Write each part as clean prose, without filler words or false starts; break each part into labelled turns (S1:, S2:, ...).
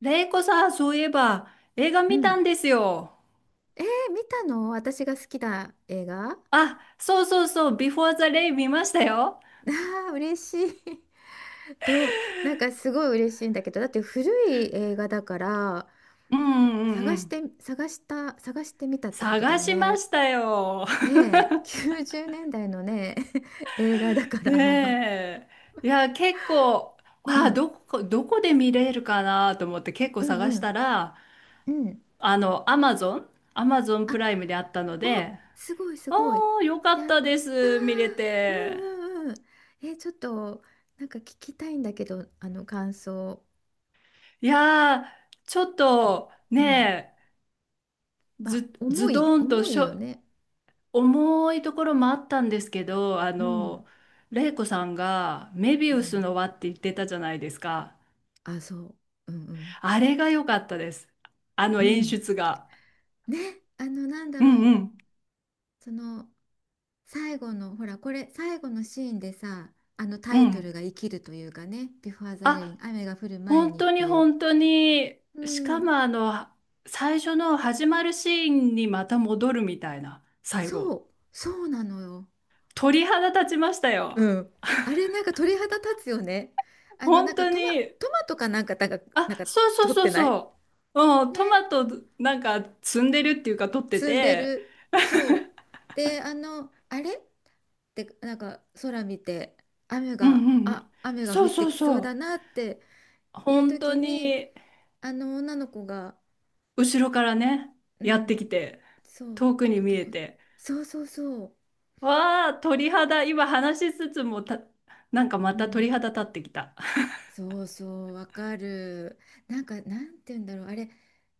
S1: レイコさん、そういえば、映画
S2: う
S1: 見
S2: ん。
S1: たんですよ。
S2: 見たの私が好きな映画あ
S1: あ、そうそうそう、ビフォーザレイ見ましたよ。
S2: あ 嬉しい。と、なんかすごい嬉しいんだけど、だって古い映画だから、
S1: うんうんうんうん。
S2: 探してみたってことだ
S1: 探
S2: よ
S1: しま
S2: ね。
S1: したよ。
S2: ねえ、90年代のね、映画だか ら。
S1: ねえ。いや、結構、
S2: う
S1: あ、
S2: ん、
S1: どこで見れるかなと思って結構
S2: うん、
S1: 探
S2: う
S1: した
S2: ん、
S1: ら、
S2: うん。
S1: あの、アマゾン、アマゾン
S2: あ、
S1: プライムであったの
S2: お、
S1: で、
S2: すごい、す
S1: あ
S2: ごい。
S1: あ、よかっ
S2: やっ
S1: たで
S2: たー。
S1: す、見れ
S2: う
S1: て。
S2: ん、うん、うん。ちょっと、なんか聞きたいんだけど、あの感想。
S1: いやー、ちょっ
S2: ちょ
S1: と、
S2: うん
S1: ね、
S2: まあ、
S1: ず、ズドンと
S2: 重
S1: し
S2: いよ
S1: ょ、
S2: ね。
S1: 重いところもあったんですけど、
S2: うん、
S1: 玲子さんがメビ
S2: う
S1: ウス
S2: ん。
S1: の輪って言ってたじゃないですか。
S2: あ、そう。うん
S1: あれが良かったです。あの
S2: うん。う
S1: 演
S2: ん。
S1: 出が。
S2: ね、あの、なんだ
S1: うんう
S2: ろ
S1: ん。
S2: う。その、最後の、ほら、これ、最後のシーンでさ、あの
S1: う
S2: タイト
S1: ん。
S2: ルが生きるというかね、ビフォーザレイン、
S1: あ、
S2: 雨が降る前
S1: 本
S2: にっ
S1: 当に
S2: ていう。
S1: 本当に、
S2: う
S1: しか
S2: ん。
S1: も最初の始まるシーンにまた戻るみたいな、最
S2: そ
S1: 後。
S2: う、そうなのよ。
S1: 鳥肌立ちましたよ。
S2: うん。あれ、なんか鳥肌立つよね。あの、
S1: 本当に。
S2: トマトかなんか、
S1: あ、そうそう
S2: 取っ
S1: そう
S2: てない
S1: そう。うん、ト
S2: ね、
S1: マトなんか摘んでるっていうか取って
S2: 積んで
S1: て、
S2: る。そう。で、あの、あれでなんか空見て
S1: うんうんうん。
S2: 雨が
S1: そ
S2: 降
S1: う
S2: っ
S1: そ
S2: て
S1: う
S2: きそ
S1: そ
S2: うだ
S1: う。
S2: なっていう
S1: 本当
S2: 時に
S1: に
S2: あの女の子が、
S1: 後ろからね、
S2: う
S1: やっ
S2: ん、
S1: てきて、
S2: そう、
S1: 遠く
S2: ト
S1: に
S2: コ
S1: 見
S2: ト
S1: え
S2: コ、
S1: て、
S2: そうそうそう、
S1: わあ、鳥肌、今話しつつも、なんかま
S2: う
S1: た
S2: ん、
S1: 鳥肌立ってきた。
S2: そうそうわかる。なんかなんて言うんだろう、あれ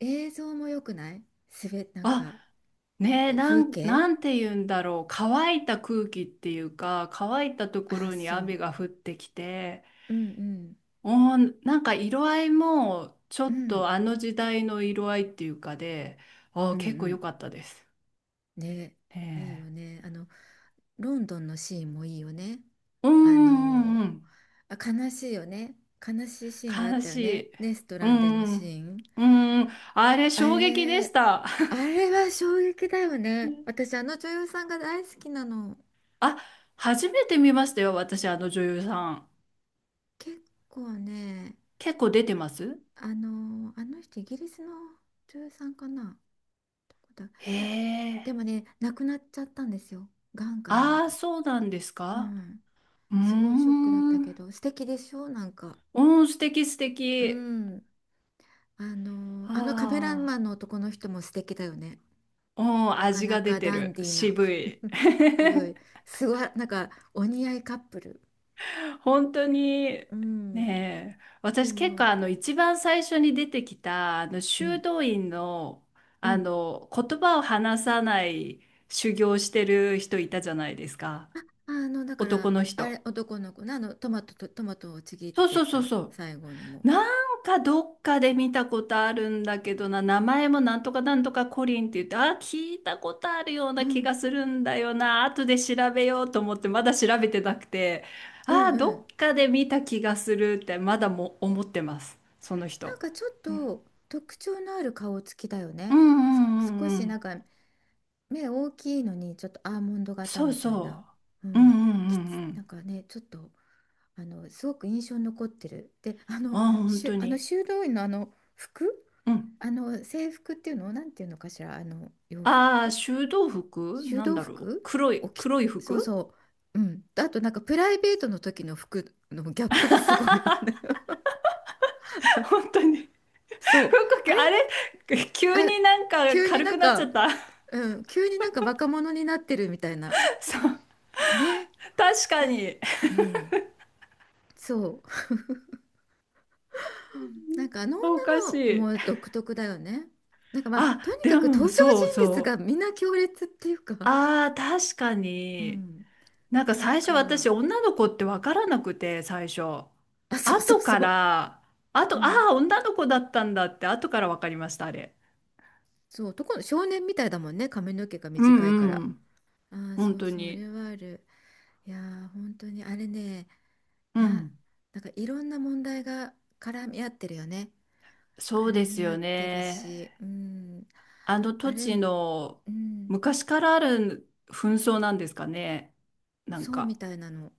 S2: 映像も良くない、なん
S1: あ、
S2: か、
S1: ねえ、
S2: え、
S1: な
S2: 風
S1: ん、
S2: 景、
S1: なんて言うんだろう。乾いた空気っていうか、乾いたとこ
S2: あ
S1: ろに
S2: そう、
S1: 雨が降ってきて、
S2: うんうん
S1: おー、なんか色合いも、ちょ
S2: う
S1: っ
S2: ん
S1: とあの時代の色合いっていうかで、あ
S2: う
S1: ー、
S2: んう
S1: 結構良
S2: ん、
S1: かったです。
S2: ね、
S1: ね
S2: いいよね。あの、ロンドンのシーンもいいよね。
S1: え。うん
S2: あ
S1: うん
S2: の、
S1: うんうん。
S2: あ、悲しいよね。悲しいシーンがあっ
S1: 悲
S2: た
S1: し
S2: よね。
S1: い。
S2: レスト
S1: う
S2: ランで
S1: ん
S2: の
S1: う
S2: シ
S1: ん。
S2: ーン。
S1: うんうん。あれ、
S2: あ
S1: 衝撃で
S2: れ、
S1: した。
S2: あれは衝撃だよね。私、あの女優さんが大好きなの。
S1: あ、初めて見ましたよ、私、あの女優さん。
S2: 結構ね、
S1: 結構出てます。
S2: あの、あの人、イギリスの女優さんかな。どこだ、
S1: へ
S2: で
S1: え。
S2: もね、亡くなっちゃったんですよ。癌か何
S1: ああ、
S2: かで。
S1: そうなんです
S2: う
S1: か。
S2: ん。
S1: うー
S2: すごいショックだったけ
S1: ん。
S2: ど、素敵でしょなんか。
S1: うん、素敵素
S2: う
S1: 敵。
S2: ん、あの、
S1: あ
S2: あのカメラマンの
S1: あ。
S2: 男の人も素敵だよね。
S1: うん、
S2: なか
S1: 味
S2: な
S1: が出
S2: か
S1: て
S2: ダン
S1: る。
S2: ディーな。
S1: 渋い。
S2: すごい、すごい、なんかお似合いカップル。
S1: 本当に。
S2: うん。
S1: ねえ、
S2: で
S1: 私結構、
S2: も、
S1: あの一番最初に出てきたあの
S2: う
S1: 修
S2: ん、
S1: 道院の
S2: う
S1: あ
S2: ん。
S1: の言葉を話さない、修行してる人いたじゃないですか。
S2: あの、だか
S1: 男
S2: ら、
S1: の
S2: あ
S1: 人。
S2: れ、男の子の、あの、トマトと、トマトをちぎっ
S1: そう
S2: て
S1: そうそう
S2: た、
S1: そ
S2: 最後にも。
S1: う。なんかどっかで見たことあるんだけどな、名前もなんとかなんとかコリンって言って、あ、聞いたことあるよう
S2: う
S1: な気
S2: ん、
S1: がするんだよな、後で調べようと思って、まだ調べてなくて、
S2: う
S1: あ、
S2: ん、う
S1: ど
S2: ん。
S1: っかで見た気がするって、まだも思ってます、その
S2: な
S1: 人。
S2: んかちょっ
S1: うん
S2: と特徴のある顔つきだよ
S1: うん
S2: ね。
S1: う
S2: す
S1: ん
S2: 少
S1: うんう
S2: しな
S1: ん。
S2: んか目大きいのに、ちょっとアーモンド型
S1: そう
S2: みたい
S1: そ
S2: な。う
S1: う。うん
S2: ん。
S1: うんうんう
S2: なん
S1: ん。
S2: かね、ちょっと。あのすごく印象に残ってる。で、
S1: あ、本当
S2: あの
S1: に。
S2: 修道院のあの服、
S1: うん。
S2: あの制服っていうのをなんていうのかしら、あの洋
S1: ああ、
S2: 服、
S1: 修道服
S2: 修
S1: なん
S2: 道
S1: だろう。
S2: 服
S1: 黒
S2: を
S1: い、
S2: 着、
S1: 黒い
S2: そう
S1: 服。
S2: そう、うん。あとなんかプライベートの時の服のギャップがすごいよね。
S1: 本当に。ふっ、
S2: そう、あれ、
S1: あれ。 急
S2: あ、
S1: になんか
S2: 急に
S1: 軽
S2: な
S1: く
S2: ん
S1: なっちゃっ
S2: か、
S1: た。
S2: うん、急になんか若者になってるみたいな。
S1: そう。
S2: ね、
S1: 確か
S2: やっ、
S1: に。
S2: うん、そう。なんかあの
S1: おか
S2: 女
S1: し
S2: の子
S1: い。
S2: も独特だよね。なんかまあと
S1: あ、
S2: にか
S1: で
S2: く
S1: も、
S2: 登場
S1: そう
S2: 人物が
S1: そう。
S2: みんな強烈っていうか、
S1: ああ、確か
S2: う
S1: に。
S2: ん、
S1: なんか
S2: な
S1: 最
S2: ん
S1: 初私、
S2: か、
S1: 女の子ってわからなくて、最初。
S2: あ、そうそう
S1: 後か
S2: そう、
S1: ら、あ
S2: う
S1: と、あ
S2: ん、
S1: あ、女の子だったんだって、後からわかりました、あれ。
S2: そう、男の少年みたいだもんね、髪の毛が
S1: う
S2: 短いか
S1: ん
S2: ら。
S1: うん。
S2: あー、そ
S1: 本
S2: う
S1: 当
S2: そう、あれ
S1: に。
S2: はある。いやー、本当にあれね、
S1: う
S2: な、
S1: ん。
S2: なんかいろんな問題が絡み合ってるよね。
S1: そうで
S2: 絡
S1: す
S2: み合
S1: よ
S2: ってる
S1: ね。
S2: し、うん、
S1: あの
S2: あ
S1: 土
S2: れ、
S1: 地
S2: う
S1: の
S2: ん、
S1: 昔からある紛争なんですかね。なん
S2: そうみ
S1: か。
S2: たいなの。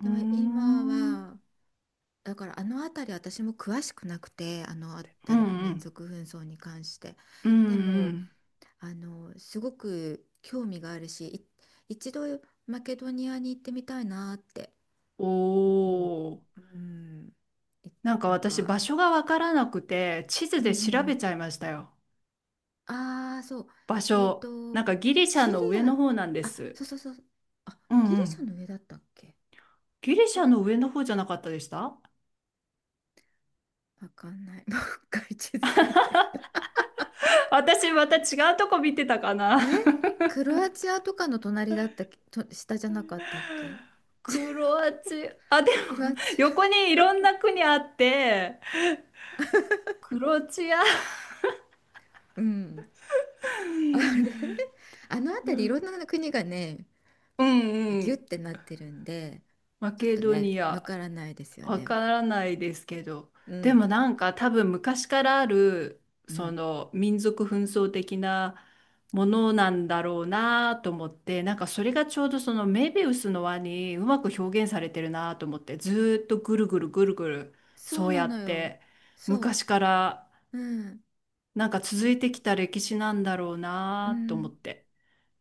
S1: うー
S2: で
S1: ん。
S2: も今
S1: うん
S2: は。だからあの辺り私も詳しくなくて、あの
S1: う
S2: 辺りの民
S1: ん。
S2: 族紛争に関して、
S1: うん
S2: で
S1: う
S2: も
S1: ん。
S2: あのすごく興味があるし、一度マケドニアに行ってみたいなって
S1: お
S2: 思う、
S1: お。
S2: うん、い
S1: なんか
S2: なん
S1: 私
S2: か、
S1: 場所がわからなくて地図
S2: うんうん
S1: で
S2: う
S1: 調べ
S2: ん、
S1: ちゃいましたよ。
S2: ああー、そう、
S1: 場
S2: えっ
S1: 所。
S2: と、
S1: なんかギリシャ
S2: シリ
S1: の上
S2: ア
S1: の方なんで
S2: あ、
S1: す。
S2: そうそうそう、あ、
S1: うん
S2: ギ
S1: う
S2: リシャ
S1: ん。
S2: の上だったっけ、
S1: ギリシ
S2: そう、
S1: ャの上の方じゃなかったでした？
S2: わかんない もう一回地図見ない、
S1: 私また違うとこ見てたかな。
S2: え、クロアチアとかの隣だったっけ、と、下じゃなかったっけ、
S1: クロアチア、あ、で
S2: クロ
S1: も
S2: ア チア、
S1: 横にいろんな国あって、クロアチア。
S2: うん。あれ、
S1: うん
S2: あの辺りいろんな国がね、
S1: う
S2: ギュッ
S1: ん。
S2: てなってるんで、
S1: マ
S2: ちょっ
S1: ケ
S2: と
S1: ド
S2: ね、
S1: ニ
S2: わ
S1: ア、
S2: からないですよ
S1: わ
S2: ね。
S1: からないですけど、
S2: う
S1: で
S2: ん。
S1: もなんか多分昔からある、
S2: う
S1: そ
S2: ん。
S1: の民族紛争的なものなんだろうなと思って、なんかそれがちょうどそのメビウスの輪にうまく表現されてるなと思って、ずーっとぐるぐるぐるぐる、
S2: そ
S1: そ
S2: う
S1: う
S2: な
S1: や
S2: の
S1: っ
S2: よ。
S1: て
S2: そう。
S1: 昔から
S2: うん。
S1: なんか続
S2: う、
S1: いてきた歴史なんだろう
S2: う
S1: なと思
S2: ん。
S1: って。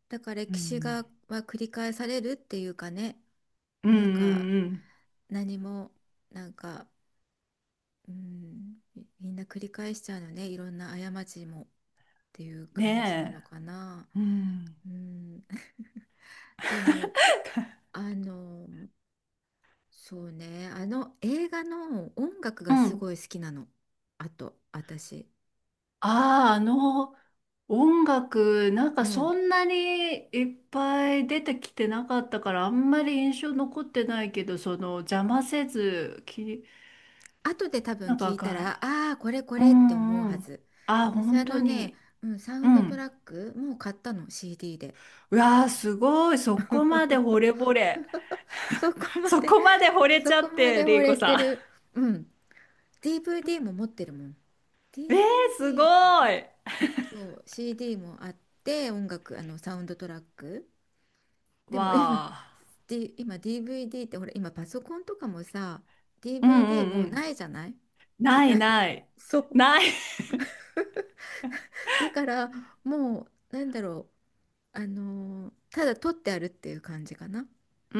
S2: だから
S1: う
S2: 歴史
S1: ん。
S2: が、は繰り返されるっていうかね、
S1: うんう
S2: なんか、
S1: んうん。
S2: 何も、なんか、うん、みんな繰り返しちゃうのね、いろんな過ちもっていう感じなの
S1: ね
S2: かな。
S1: え。うん。
S2: うん、でも、あの、そうね、あの映画の音楽
S1: う
S2: がすご
S1: ん。
S2: い好きなの。あと、私。
S1: ああ、あの、音楽、なん
S2: う
S1: か
S2: ん。
S1: そんなにいっぱい出てきてなかったから、あんまり印象残ってないけど、邪魔せず、
S2: 後で多分
S1: なん
S2: 聞
S1: か
S2: いたら、
S1: が、
S2: ああ、これこ
S1: う
S2: れって思う
S1: んう
S2: は
S1: ん。
S2: ず。
S1: ああ、
S2: 私、
S1: 本
S2: あ
S1: 当
S2: のね、
S1: に。
S2: うん、サウ
S1: う
S2: ンドト
S1: ん。
S2: ラック、もう買ったの、CD で。
S1: うわあ、すごい。そこまで惚 れ惚れ。
S2: そこま
S1: そ
S2: で、
S1: こまで惚 れち
S2: そ
S1: ゃ
S2: こ
S1: っ
S2: ま
S1: て、
S2: で惚
S1: リーコ
S2: れて
S1: さ
S2: る。
S1: ん。
S2: うん。DVD も持ってるもん。
S1: えー、すご
S2: DVD
S1: い。
S2: と CD もあって、音楽あのサウンドトラック、で
S1: わ
S2: も今、
S1: あ。
S2: 今 DVD ってほら、今パソコンとかもさ、
S1: うん
S2: DVD
S1: うん
S2: も
S1: う
S2: う
S1: ん。
S2: ないじゃない、時
S1: ない
S2: 代が
S1: ない。
S2: そう、
S1: ない。
S2: だからもうなんだろう、あのーただ撮ってあるっていう感じかな、
S1: う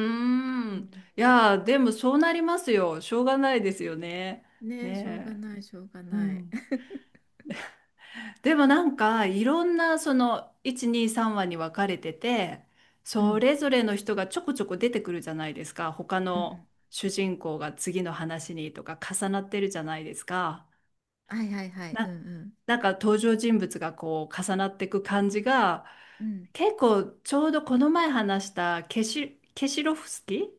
S2: う
S1: ーん。
S2: ん、
S1: いやー、でもそうなりますよ。しょうがないですよね。
S2: ねえ、しょうが
S1: ね
S2: ないしょうが
S1: え。う
S2: ない。
S1: ん。でもなんか、いろんなその、1、2、3話に分かれてて、
S2: う
S1: そ
S2: ん
S1: れぞれの人がちょこちょこ出てくるじゃないですか。他
S2: うんう
S1: の
S2: ん、
S1: 主人公が次の話にとか重なってるじゃないですか。
S2: はいはいはい、うんう
S1: な、
S2: ん
S1: なんか登場人物がこう重なっていく感じが、
S2: うん
S1: 結構ちょうどこの前話したケシロフスキー、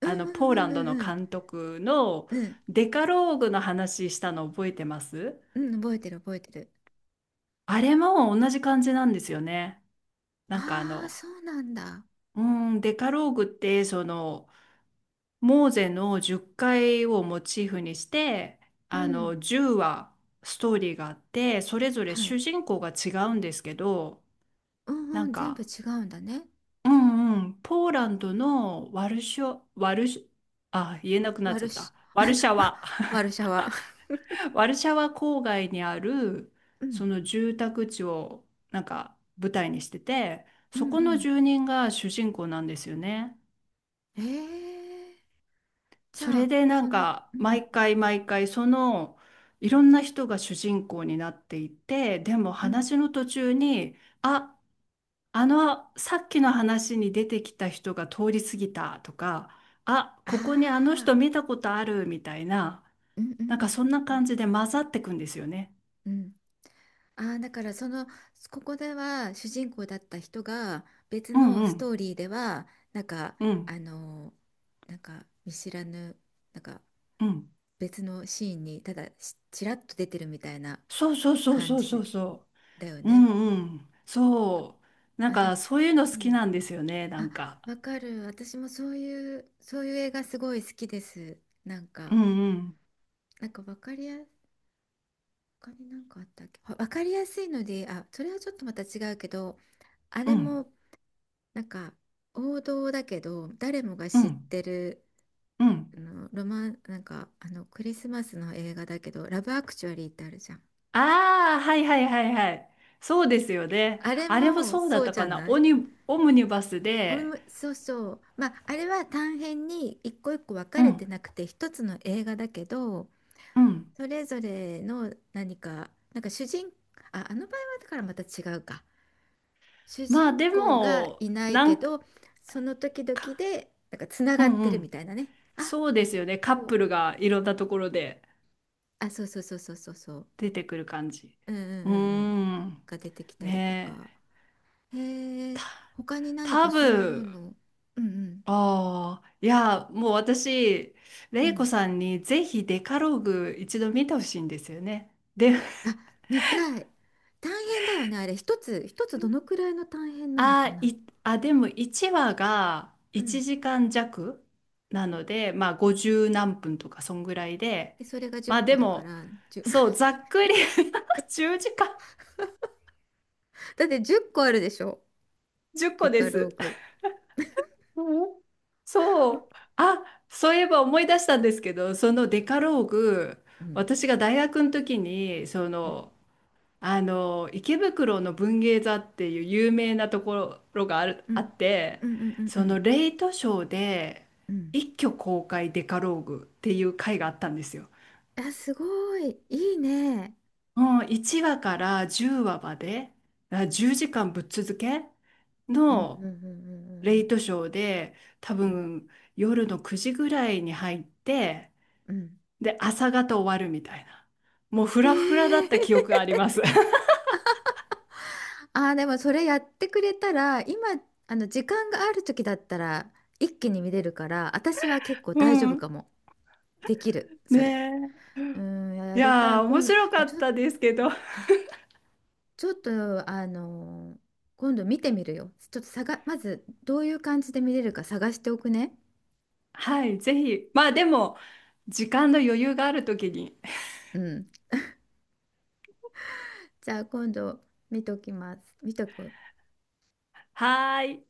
S2: う
S1: あ
S2: ん、
S1: の
S2: う
S1: ポ
S2: ん
S1: ー
S2: う
S1: ラ
S2: ん
S1: ンド
S2: う
S1: の
S2: んうん、
S1: 監督の
S2: うん、
S1: デカローグの話したの覚えてます？
S2: うん、覚えてる覚えてる。
S1: あれも同じ感じなんですよね。なんか
S2: ああ、そうなんだ。
S1: うーデカローグって、そのモーゼの10回をモチーフにして、
S2: う
S1: あ
S2: ん。
S1: の10話ストーリーがあって、それぞれ
S2: はい。
S1: 主人公が違うんですけど、
S2: うん
S1: な
S2: う
S1: ん
S2: ん、全部
S1: か、
S2: 違うんだね。
S1: うんうん、ポーランドのワルショワルシあ、言えな
S2: う、
S1: くなっ
S2: ワ
S1: ちゃ
S2: ル
S1: っ
S2: シ、
S1: た。ワルシャ ワ。
S2: ワルシャワ
S1: ワルシャワ郊外にある
S2: うん。
S1: その住宅地をなんか舞台にしてて、
S2: う
S1: そ
S2: ん
S1: この
S2: う
S1: 住人が主人公なんですよね。
S2: ん。ええ、じ
S1: そ
S2: ゃ
S1: れ
S2: あ、
S1: でな
S2: そ
S1: ん
S2: の、うん
S1: か
S2: うんうん。
S1: 毎回毎回、その、いろんな人が主人公になっていて、でも
S2: うん。
S1: 話の途中に「あ、あのさっきの話に出てきた人が通り過ぎた」とか「あ、ここにあの
S2: ああ、
S1: 人見たことある」みたいな、
S2: うんうんう
S1: なん
S2: ん
S1: かそんな
S2: うん
S1: 感じで混ざってくんですよね。
S2: うん。ああ、だからその、ここでは主人公だった人が別
S1: うん
S2: の
S1: う
S2: ス
S1: ん
S2: トーリーでは、なんか、
S1: うん
S2: あの、なんか見知らぬ、なんか
S1: うん。
S2: 別のシーンにただしちらっと出てるみたいな
S1: そうそうそう
S2: 感
S1: そうそ
S2: じ
S1: うそ
S2: だよ
S1: う。う
S2: ね。
S1: んうん。そう。なん
S2: あ、でも
S1: か、そういうの
S2: い
S1: 好き
S2: い。
S1: なんですよね、な
S2: あ、
S1: んか。
S2: わかる。私もそういう、そういう映画すごい好きです。なん
S1: う
S2: か、
S1: んうん
S2: なんかわかりや、他になんかあったっけ？わかりやすいので、あ、それはちょっとまた違うけど、あ
S1: う
S2: れ
S1: ん
S2: もなんか、王道だけど誰もが
S1: う
S2: 知っ
S1: ん
S2: てる
S1: うん。
S2: あのロマン、なんかあのクリスマスの映画だけど「ラブアクチュアリー」ってあるじゃん。
S1: ああー。はいはいはいはい。そうですよね。
S2: あれ
S1: あれも
S2: も
S1: そうだ
S2: そ
S1: っ
S2: う
S1: た
S2: じ
S1: か
S2: ゃ
S1: な。
S2: な
S1: オ
S2: い、
S1: ニ、オムニバス
S2: おみ
S1: で。
S2: もそうそう、まああれは短編に一個一個分か
S1: う
S2: れて
S1: ん
S2: なくて一つの映画だけど、
S1: うん。
S2: それぞれの何かなんか主人あ、あの場合はだからまた違うか、主
S1: まあ
S2: 人
S1: で
S2: 公が
S1: も、
S2: いない
S1: な
S2: け
S1: んか、
S2: ど、その時々でなんかつな
S1: う
S2: が
S1: ん
S2: って
S1: う
S2: るみ
S1: ん。
S2: たいなね。あ、
S1: そう
S2: こ
S1: ですよね。カ
S2: の
S1: ッ
S2: 人、
S1: プルがいろんなところで
S2: あ、そうそうそうそうそうそう。
S1: 出てくる感じ。
S2: うんうんうん
S1: うー
S2: うん。
S1: ん。
S2: が出てきたりと
S1: ねえ。
S2: か。へえ、
S1: た、
S2: 他に何
S1: 多
S2: かそういう
S1: 分
S2: の。うんう
S1: ああ、いや、もう私、
S2: んう
S1: レイコ
S2: ん。
S1: さんにぜひデカローグ一度見てほしいんですよね。で、
S2: あ、見たい。大変だよね、あれ。一つどのくらいの大変なのか
S1: あ、
S2: な。
S1: い、でも1話が
S2: う
S1: 1
S2: ん。
S1: 時間弱なので、まあ50何分とかそんぐらいで、
S2: で、それが10
S1: まあ
S2: 個
S1: で
S2: だか
S1: も、
S2: ら、1
S1: そう、ざ っくり 10時間、
S2: だって10個あるでしょ。
S1: 10個
S2: デ
S1: で
S2: カロー
S1: す。
S2: グ。
S1: うん、そう。あ、そういえば思い出したんですけど、そのデカローグ、
S2: うん。
S1: 私が大学の時に、そ
S2: うん
S1: の、あの池袋の文芸座っていう有名なところがある、
S2: う
S1: あ
S2: ん
S1: っ
S2: う
S1: て
S2: んうんう
S1: そ
S2: ん
S1: の
S2: う
S1: レイトショーで
S2: んうん、
S1: 一挙公開デカローグっていう回があったんですよ。
S2: あ、すごい。いいね。
S1: もう1話から10話まで、あ、10時間ぶっ続け
S2: うんう
S1: の
S2: んうんう
S1: レ
S2: んう
S1: イ
S2: ん
S1: トショーで、多分夜の9時ぐらいに入って、
S2: うんうん。うん、
S1: で朝方終わるみたいな、もうフ
S2: え
S1: ラフラだった記
S2: ー、
S1: 憶があります。
S2: ああ、でもそれやってくれたら、今、あの、時間がある時だったら、一気に見れるから、私は結構
S1: う
S2: 大丈夫
S1: ん。
S2: かも。できる、
S1: ね
S2: それ。
S1: え。
S2: うん、
S1: い
S2: やりたい。
S1: やー、面
S2: 今度、じゃ
S1: 白か
S2: あ
S1: っ
S2: ちょ、
S1: たですけど。
S2: ちょっと、あの、今度見てみるよ。ちょっと探、まず、どういう感じで見れるか探しておくね。
S1: はい、ぜひ。まあでも、時間の余裕があるときに。
S2: うん。じゃあ、今度、見ときます。見とく。
S1: はーい。